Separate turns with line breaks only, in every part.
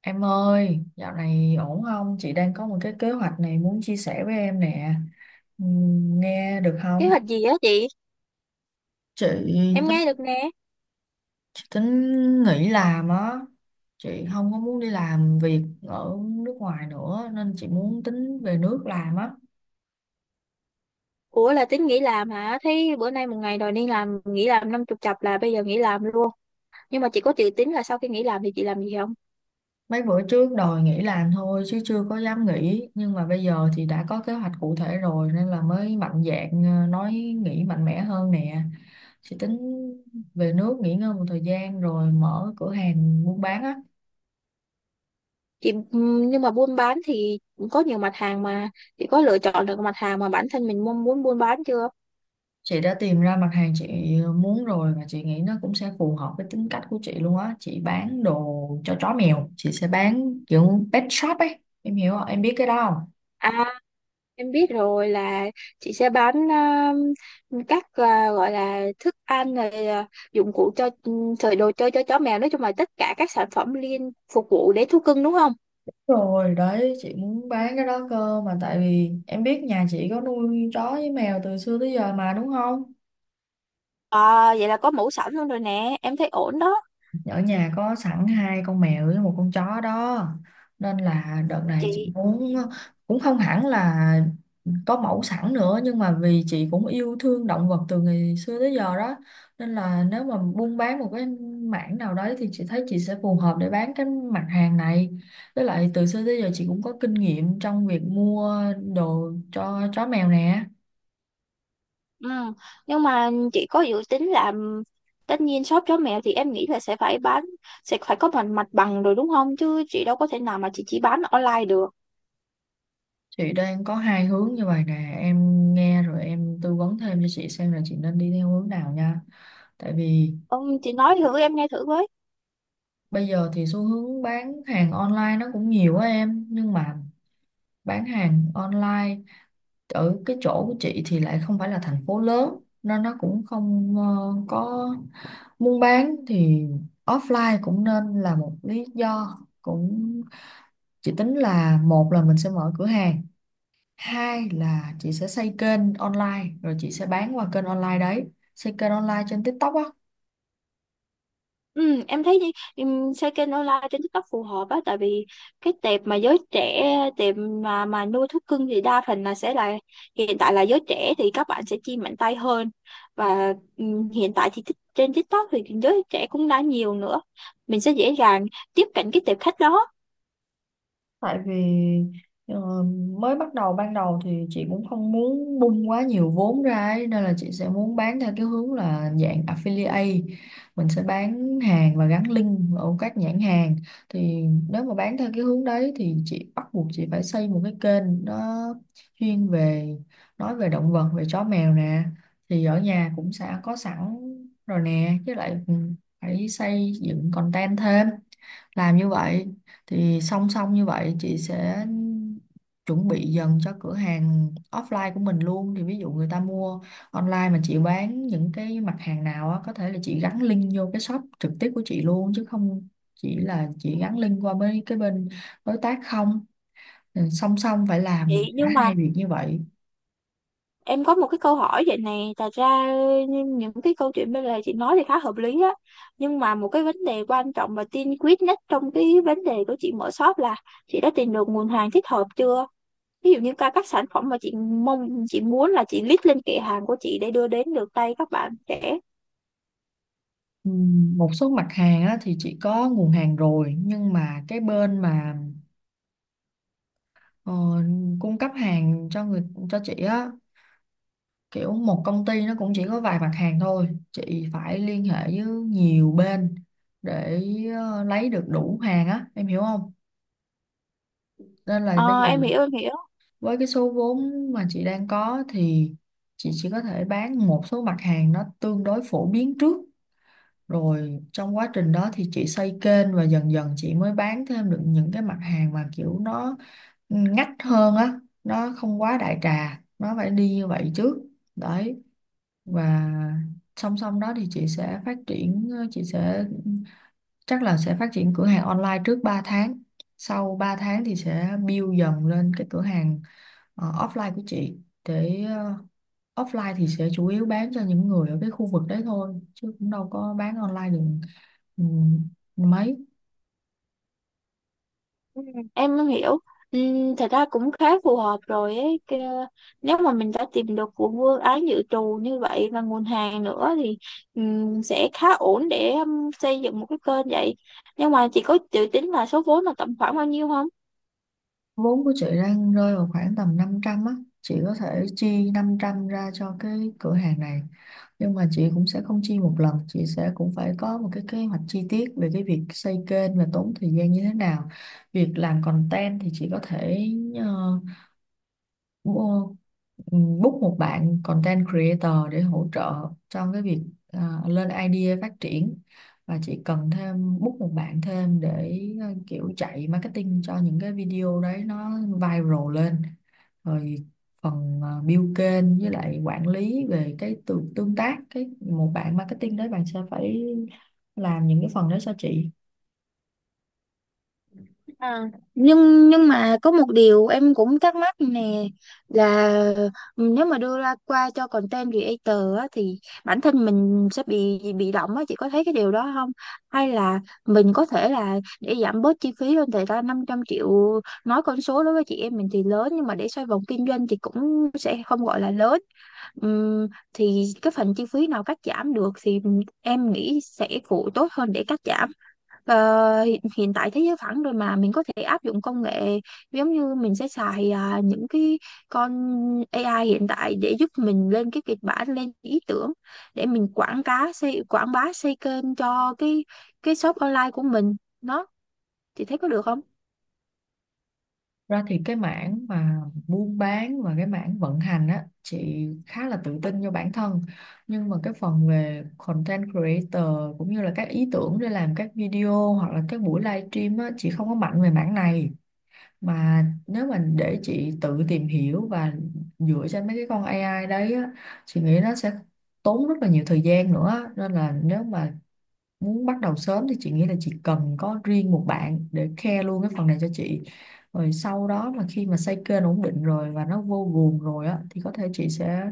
Em ơi, dạo này ổn không? Chị đang có một cái kế hoạch này muốn chia sẻ với em nè. Nghe được
Kế
không?
hoạch gì á chị?
Chị
Em
tính,
nghe được nè.
chị tính nghỉ làm á. Chị không có muốn đi làm việc ở nước ngoài nữa nên chị muốn tính về nước làm á.
Ủa là tính nghỉ làm hả? Thấy bữa nay một ngày đòi đi làm, nghỉ làm năm chục chập là bây giờ nghỉ làm luôn. Nhưng mà chị có dự tính là sau khi nghỉ làm thì chị làm gì không?
Mấy bữa trước đòi nghỉ làm thôi chứ chưa có dám nghỉ nhưng mà bây giờ thì đã có kế hoạch cụ thể rồi nên là mới mạnh dạn nói nghỉ mạnh mẽ hơn nè. Chị tính về nước nghỉ ngơi một thời gian rồi mở cửa hàng buôn bán á.
Chị nhưng mà buôn bán thì cũng có nhiều mặt hàng mà chị có lựa chọn được mặt hàng mà bản thân mình mong muốn buôn bán chưa?
Chị đã tìm ra mặt hàng chị muốn rồi và chị nghĩ nó cũng sẽ phù hợp với tính cách của chị luôn á. Chị bán đồ cho chó mèo, chị sẽ bán kiểu pet shop ấy, em hiểu không, em biết cái đó không?
À, em biết rồi là chị sẽ bán các gọi là thức ăn rồi à, dụng cụ cho rồi đồ chơi cho chó mèo, nói chung là tất cả các sản phẩm liên phục vụ để thú cưng đúng không?
Rồi đấy, chị muốn bán cái đó cơ, mà tại vì em biết nhà chị có nuôi chó với mèo từ xưa tới giờ mà, đúng không?
À, vậy là có mũ sẵn luôn rồi nè, em thấy ổn đó
Ở nhà có sẵn hai con mèo với một con chó đó, nên là đợt này chị
chị.
muốn cũng không hẳn là có mẫu sẵn nữa, nhưng mà vì chị cũng yêu thương động vật từ ngày xưa tới giờ đó, nên là nếu mà buôn bán một cái mảng nào đấy thì chị thấy chị sẽ phù hợp để bán cái mặt hàng này. Với lại từ xưa tới giờ chị cũng có kinh nghiệm trong việc mua đồ cho chó mèo nè.
Ừ. Nhưng mà chị có dự tính làm tất nhiên shop chó mèo thì em nghĩ là sẽ phải bán, sẽ phải có mặt mặt bằng rồi đúng không, chứ chị đâu có thể nào mà chị chỉ bán online được.
Chị đang có hai hướng như vậy nè, em nghe rồi em tư vấn thêm cho chị xem là chị nên đi theo hướng nào nha. Tại vì
Ông chị nói thử em nghe thử với.
bây giờ thì xu hướng bán hàng online nó cũng nhiều á em, nhưng mà bán hàng online ở cái chỗ của chị thì lại không phải là thành phố lớn nên nó cũng không có buôn bán thì offline cũng nên là một lý do cũng. Chị tính là một là mình sẽ mở cửa hàng, hai là chị sẽ xây kênh online rồi chị sẽ bán qua kênh online đấy, xây kênh online trên TikTok á.
Ừ, em thấy xây kênh online trên TikTok phù hợp á, tại vì cái tệp mà giới trẻ, tệp mà nuôi thú cưng thì đa phần là sẽ là hiện tại là giới trẻ thì các bạn sẽ chi mạnh tay hơn, và hiện tại thì trên TikTok thì giới trẻ cũng đã nhiều nữa, mình sẽ dễ dàng tiếp cận cái tệp khách đó.
Tại vì ờ, mới bắt đầu ban đầu thì chị cũng không muốn bung quá nhiều vốn ra ấy, nên là chị sẽ muốn bán theo cái hướng là dạng affiliate, mình sẽ bán hàng và gắn link ở các nhãn hàng. Thì nếu mà bán theo cái hướng đấy thì chị bắt buộc chị phải xây một cái kênh nó chuyên về nói về động vật, về chó mèo nè. Thì ở nhà cũng sẽ có sẵn rồi nè, chứ lại phải xây dựng content thêm, làm như vậy. Thì song song như vậy chị sẽ chuẩn bị dần cho cửa hàng offline của mình luôn, thì ví dụ người ta mua online mà chị bán những cái mặt hàng nào á, có thể là chị gắn link vô cái shop trực tiếp của chị luôn chứ không chỉ là chị gắn link qua mấy cái bên đối tác không. Ừ, song song phải làm
Vậy
cả
nhưng
hai
mà
việc như vậy.
em có một cái câu hỏi vậy này, thật ra những cái câu chuyện bên lề chị nói thì khá hợp lý á, nhưng mà một cái vấn đề quan trọng và tiên quyết nhất trong cái vấn đề của chị mở shop là chị đã tìm được nguồn hàng thích hợp chưa? Ví dụ như các sản phẩm mà chị mong, chị muốn là chị list lên kệ hàng của chị để đưa đến được tay các bạn trẻ.
Ừ, một số mặt hàng á, thì chị có nguồn hàng rồi, nhưng mà cái bên mà ờ, cung cấp hàng cho cho chị á, kiểu một công ty nó cũng chỉ có vài mặt hàng thôi, chị phải liên hệ với nhiều bên để lấy được đủ hàng á, em hiểu không? Nên là bây
Ờ,
giờ
em hiểu em hiểu.
với cái số vốn mà chị đang có thì chị chỉ có thể bán một số mặt hàng nó tương đối phổ biến trước, rồi trong quá trình đó thì chị xây kênh và dần dần chị mới bán thêm được những cái mặt hàng mà kiểu nó ngách hơn á, nó không quá đại trà, nó phải đi như vậy trước đấy. Và song song đó thì chị sẽ phát triển chị sẽ chắc là sẽ phát triển cửa hàng online trước 3 tháng, sau 3 tháng thì sẽ build dần lên cái cửa hàng offline của chị. Để offline thì sẽ chủ yếu bán cho những người ở cái khu vực đấy thôi chứ cũng đâu có bán online được. Ừ, mấy
Ừ, em hiểu, ừ, thật ra cũng khá phù hợp rồi ấy. Nếu mà mình đã tìm được của vương ái dự trù như vậy và nguồn hàng nữa thì sẽ khá ổn để xây dựng một cái kênh vậy, nhưng mà chị có dự tính là số vốn là tầm khoảng bao nhiêu không?
vốn của chị đang rơi vào khoảng tầm 500 á, chị có thể chi 500 ra cho cái cửa hàng này, nhưng mà chị cũng sẽ không chi một lần, chị sẽ cũng phải có một cái kế hoạch chi tiết về cái việc xây kênh và tốn thời gian như thế nào. Việc làm content thì chị có thể ờ, bu- book một bạn content creator để hỗ trợ trong cái việc lên idea phát triển. Và chị cần thêm book một bạn thêm để kiểu chạy marketing cho những cái video đấy nó viral lên, rồi phần build kênh với lại quản lý về cái tương tương tác, cái một bạn marketing đấy bạn sẽ phải làm những cái phần đấy cho chị.
À, nhưng mà có một điều em cũng thắc mắc nè, là nếu mà đưa ra qua cho content creator á, thì bản thân mình sẽ bị động á, chị có thấy cái điều đó không, hay là mình có thể là để giảm bớt chi phí lên thì ra 500 triệu, nói con số đối với chị em mình thì lớn, nhưng mà để xoay vòng kinh doanh thì cũng sẽ không gọi là lớn. Ừm, thì cái phần chi phí nào cắt giảm được thì em nghĩ sẽ phụ tốt hơn để cắt giảm. Ờ, hiện tại thế giới phẳng rồi mà, mình có thể áp dụng công nghệ, giống như mình sẽ xài những cái con AI hiện tại để giúp mình lên cái kịch bản, lên ý tưởng, để mình quảng cá xây quảng bá xây kênh cho cái shop online của mình nó, thì thấy có được không?
Ra thì cái mảng mà buôn bán và cái mảng vận hành á chị khá là tự tin cho bản thân, nhưng mà cái phần về content creator cũng như là các ý tưởng để làm các video hoặc là các buổi livestream á chị không có mạnh về mảng này. Mà nếu mà để chị tự tìm hiểu và dựa trên mấy cái con AI đấy á, chị nghĩ nó sẽ tốn rất là nhiều thời gian nữa, nên là nếu mà muốn bắt đầu sớm thì chị nghĩ là chị cần có riêng một bạn để care luôn cái phần này cho chị. Rồi sau đó mà khi mà xây kênh ổn định rồi và nó vô guồng rồi á thì có thể chị sẽ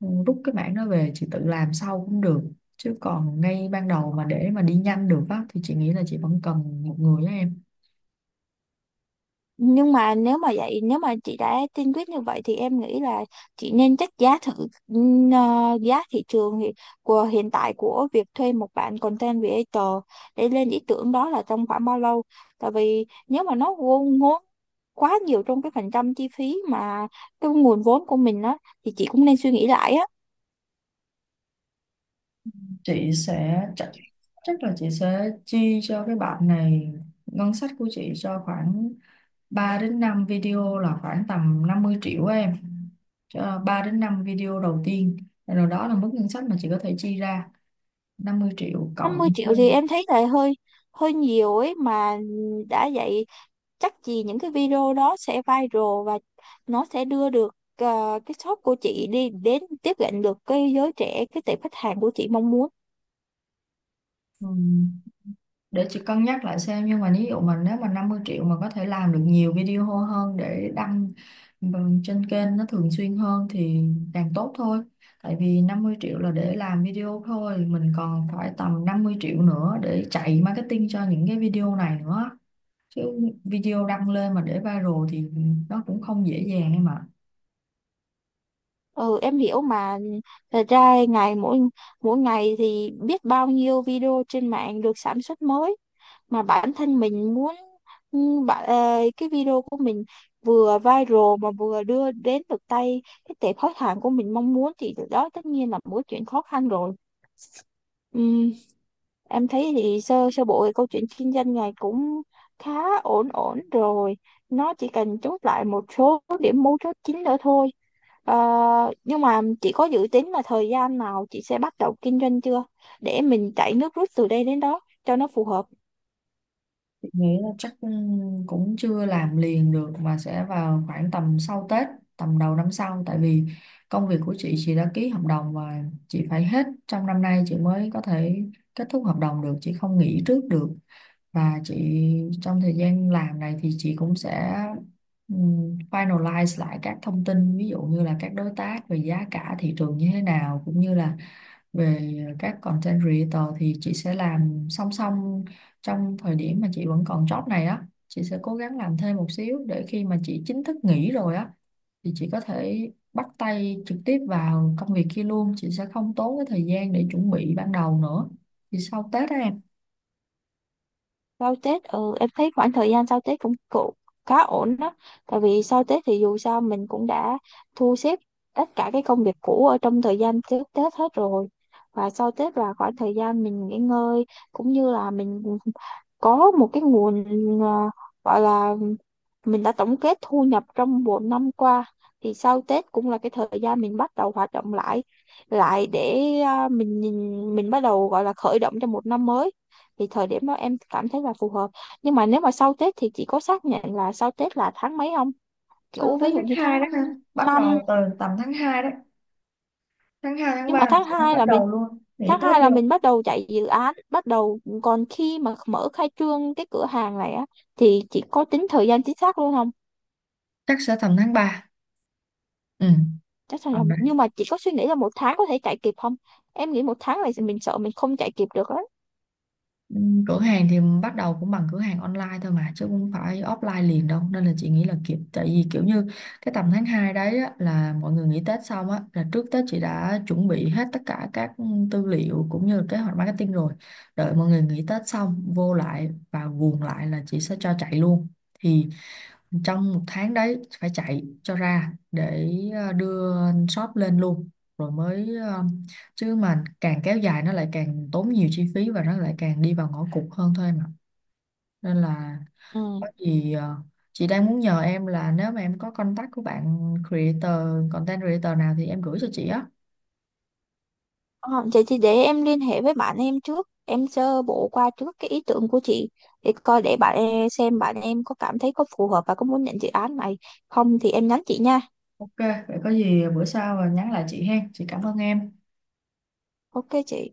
rút cái mảng đó về chị tự làm sau cũng được, chứ còn ngay ban đầu mà để mà đi nhanh được á thì chị nghĩ là chị vẫn cần một người á em.
Nhưng mà nếu mà vậy, nếu mà chị đã tiên quyết như vậy thì em nghĩ là chị nên check giá thử, giá thị trường thì của hiện tại của việc thuê một bạn content creator để lên ý tưởng đó là trong khoảng bao lâu, tại vì nếu mà nó ngốn ngốn quá nhiều trong cái phần trăm chi phí mà cái nguồn vốn của mình á, thì chị cũng nên suy nghĩ lại á.
Chị sẽ chắc là chị sẽ chi cho cái bạn này ngân sách của chị cho khoảng 3 đến 5 video là khoảng tầm 50 triệu á em. 3 đến 5 video đầu tiên, rồi đó là mức ngân sách mà chị có thể chi ra, 50 triệu
Năm mươi
cộng.
triệu thì em thấy là hơi hơi nhiều ấy mà, đã vậy chắc gì những cái video đó sẽ viral, và nó sẽ đưa được ờ, cái shop của chị đi đến tiếp cận được cái giới trẻ, cái tệp khách hàng của chị mong muốn.
Ừ. Để chị cân nhắc lại xem, nhưng mà ví dụ mà nếu mà 50 triệu mà có thể làm được nhiều video hô hơn để đăng trên kênh nó thường xuyên hơn thì càng tốt thôi. Tại vì 50 triệu là để làm video thôi, mình còn phải tầm 50 triệu nữa để chạy marketing cho những cái video này nữa chứ, video đăng lên mà để viral thì nó cũng không dễ dàng em ạ.
Ừ em hiểu mà, thật ra ngày mỗi mỗi ngày thì biết bao nhiêu video trên mạng được sản xuất mới, mà bản thân mình muốn ừ, cái video của mình vừa viral mà vừa đưa đến được tay cái tệp khách hàng của mình mong muốn thì đó tất nhiên là một chuyện khó khăn rồi. Ừ, em thấy thì sơ sơ bộ thì câu chuyện kinh doanh này cũng khá ổn ổn rồi. Nó chỉ cần chốt lại một số điểm mấu chốt chính nữa thôi. Ờ, nhưng mà chị có dự tính là thời gian nào chị sẽ bắt đầu kinh doanh chưa? Để mình chạy nước rút từ đây đến đó cho nó phù hợp.
Nghĩ là chắc cũng chưa làm liền được mà sẽ vào khoảng tầm sau Tết, tầm đầu năm sau. Tại vì công việc của chị đã ký hợp đồng và chị phải hết trong năm nay chị mới có thể kết thúc hợp đồng được, chị không nghỉ trước được. Và chị trong thời gian làm này thì chị cũng sẽ finalize lại các thông tin, ví dụ như là các đối tác về giá cả thị trường như thế nào, cũng như là về các content creator thì chị sẽ làm song song. Trong thời điểm mà chị vẫn còn job này á chị sẽ cố gắng làm thêm một xíu để khi mà chị chính thức nghỉ rồi á thì chị có thể bắt tay trực tiếp vào công việc kia luôn, chị sẽ không tốn cái thời gian để chuẩn bị ban đầu nữa. Thì sau Tết đó em.
Sau Tết, ừ em thấy khoảng thời gian sau Tết cũng cũng khá ổn đó, tại vì sau Tết thì dù sao mình cũng đã thu xếp tất cả cái công việc cũ ở trong thời gian trước Tết hết rồi, và sau Tết là khoảng thời gian mình nghỉ ngơi, cũng như là mình có một cái nguồn à, gọi là mình đã tổng kết thu nhập trong một năm qua, thì sau Tết cũng là cái thời gian mình bắt đầu hoạt động lại, để mình nhìn mình bắt đầu gọi là khởi động cho một năm mới, thì thời điểm đó em cảm thấy là phù hợp. Nhưng mà nếu mà sau Tết thì chị có xác nhận là sau Tết là tháng mấy không,
Sau
kiểu
Tết
ví dụ
tháng
như
2 đó
tháng
ha, bắt
năm.
đầu từ tầm tháng 2 đó. Tháng 2 tháng
Nhưng
3
mà
là chị mới bắt đầu luôn, nghỉ
tháng
Tết
2 là
vô.
mình bắt đầu chạy dự án bắt đầu, còn khi mà mở khai trương cái cửa hàng này á thì chị có tính thời gian chính xác luôn không?
Chắc sẽ tầm tháng ba. Ừ,
Chắc chắn là,
tầm.
nhưng mà chị có suy nghĩ là một tháng có thể chạy kịp không? Em nghĩ một tháng này thì mình sợ mình không chạy kịp được á.
Ừ, cửa hàng thì bắt đầu cũng bằng cửa hàng online thôi mà chứ không phải offline liền đâu, nên là chị nghĩ là kiểu, tại vì kiểu như cái tầm tháng 2 đấy á, là mọi người nghỉ Tết xong á, là trước Tết chị đã chuẩn bị hết tất cả các tư liệu cũng như kế hoạch marketing rồi, đợi mọi người nghỉ Tết xong vô lại và guồng lại là chị sẽ cho chạy luôn. Thì trong 1 tháng đấy phải chạy cho ra để đưa shop lên luôn, rồi mới chứ mà càng kéo dài nó lại càng tốn nhiều chi phí và nó lại càng đi vào ngõ cụt hơn thôi mà, nên là
Ừ.
có gì chị đang muốn nhờ em là nếu mà em có contact của bạn creator content creator nào thì em gửi cho chị á.
Ờ, vậy thì để em liên hệ với bạn em trước, em sơ bộ qua trước cái ý tưởng của chị để coi, để bạn em xem bạn em có cảm thấy có phù hợp và có muốn nhận dự án này không thì em nhắn chị nha.
Ok, vậy có gì bữa sau nhắn lại chị hen. Chị cảm ơn em.
Ok chị.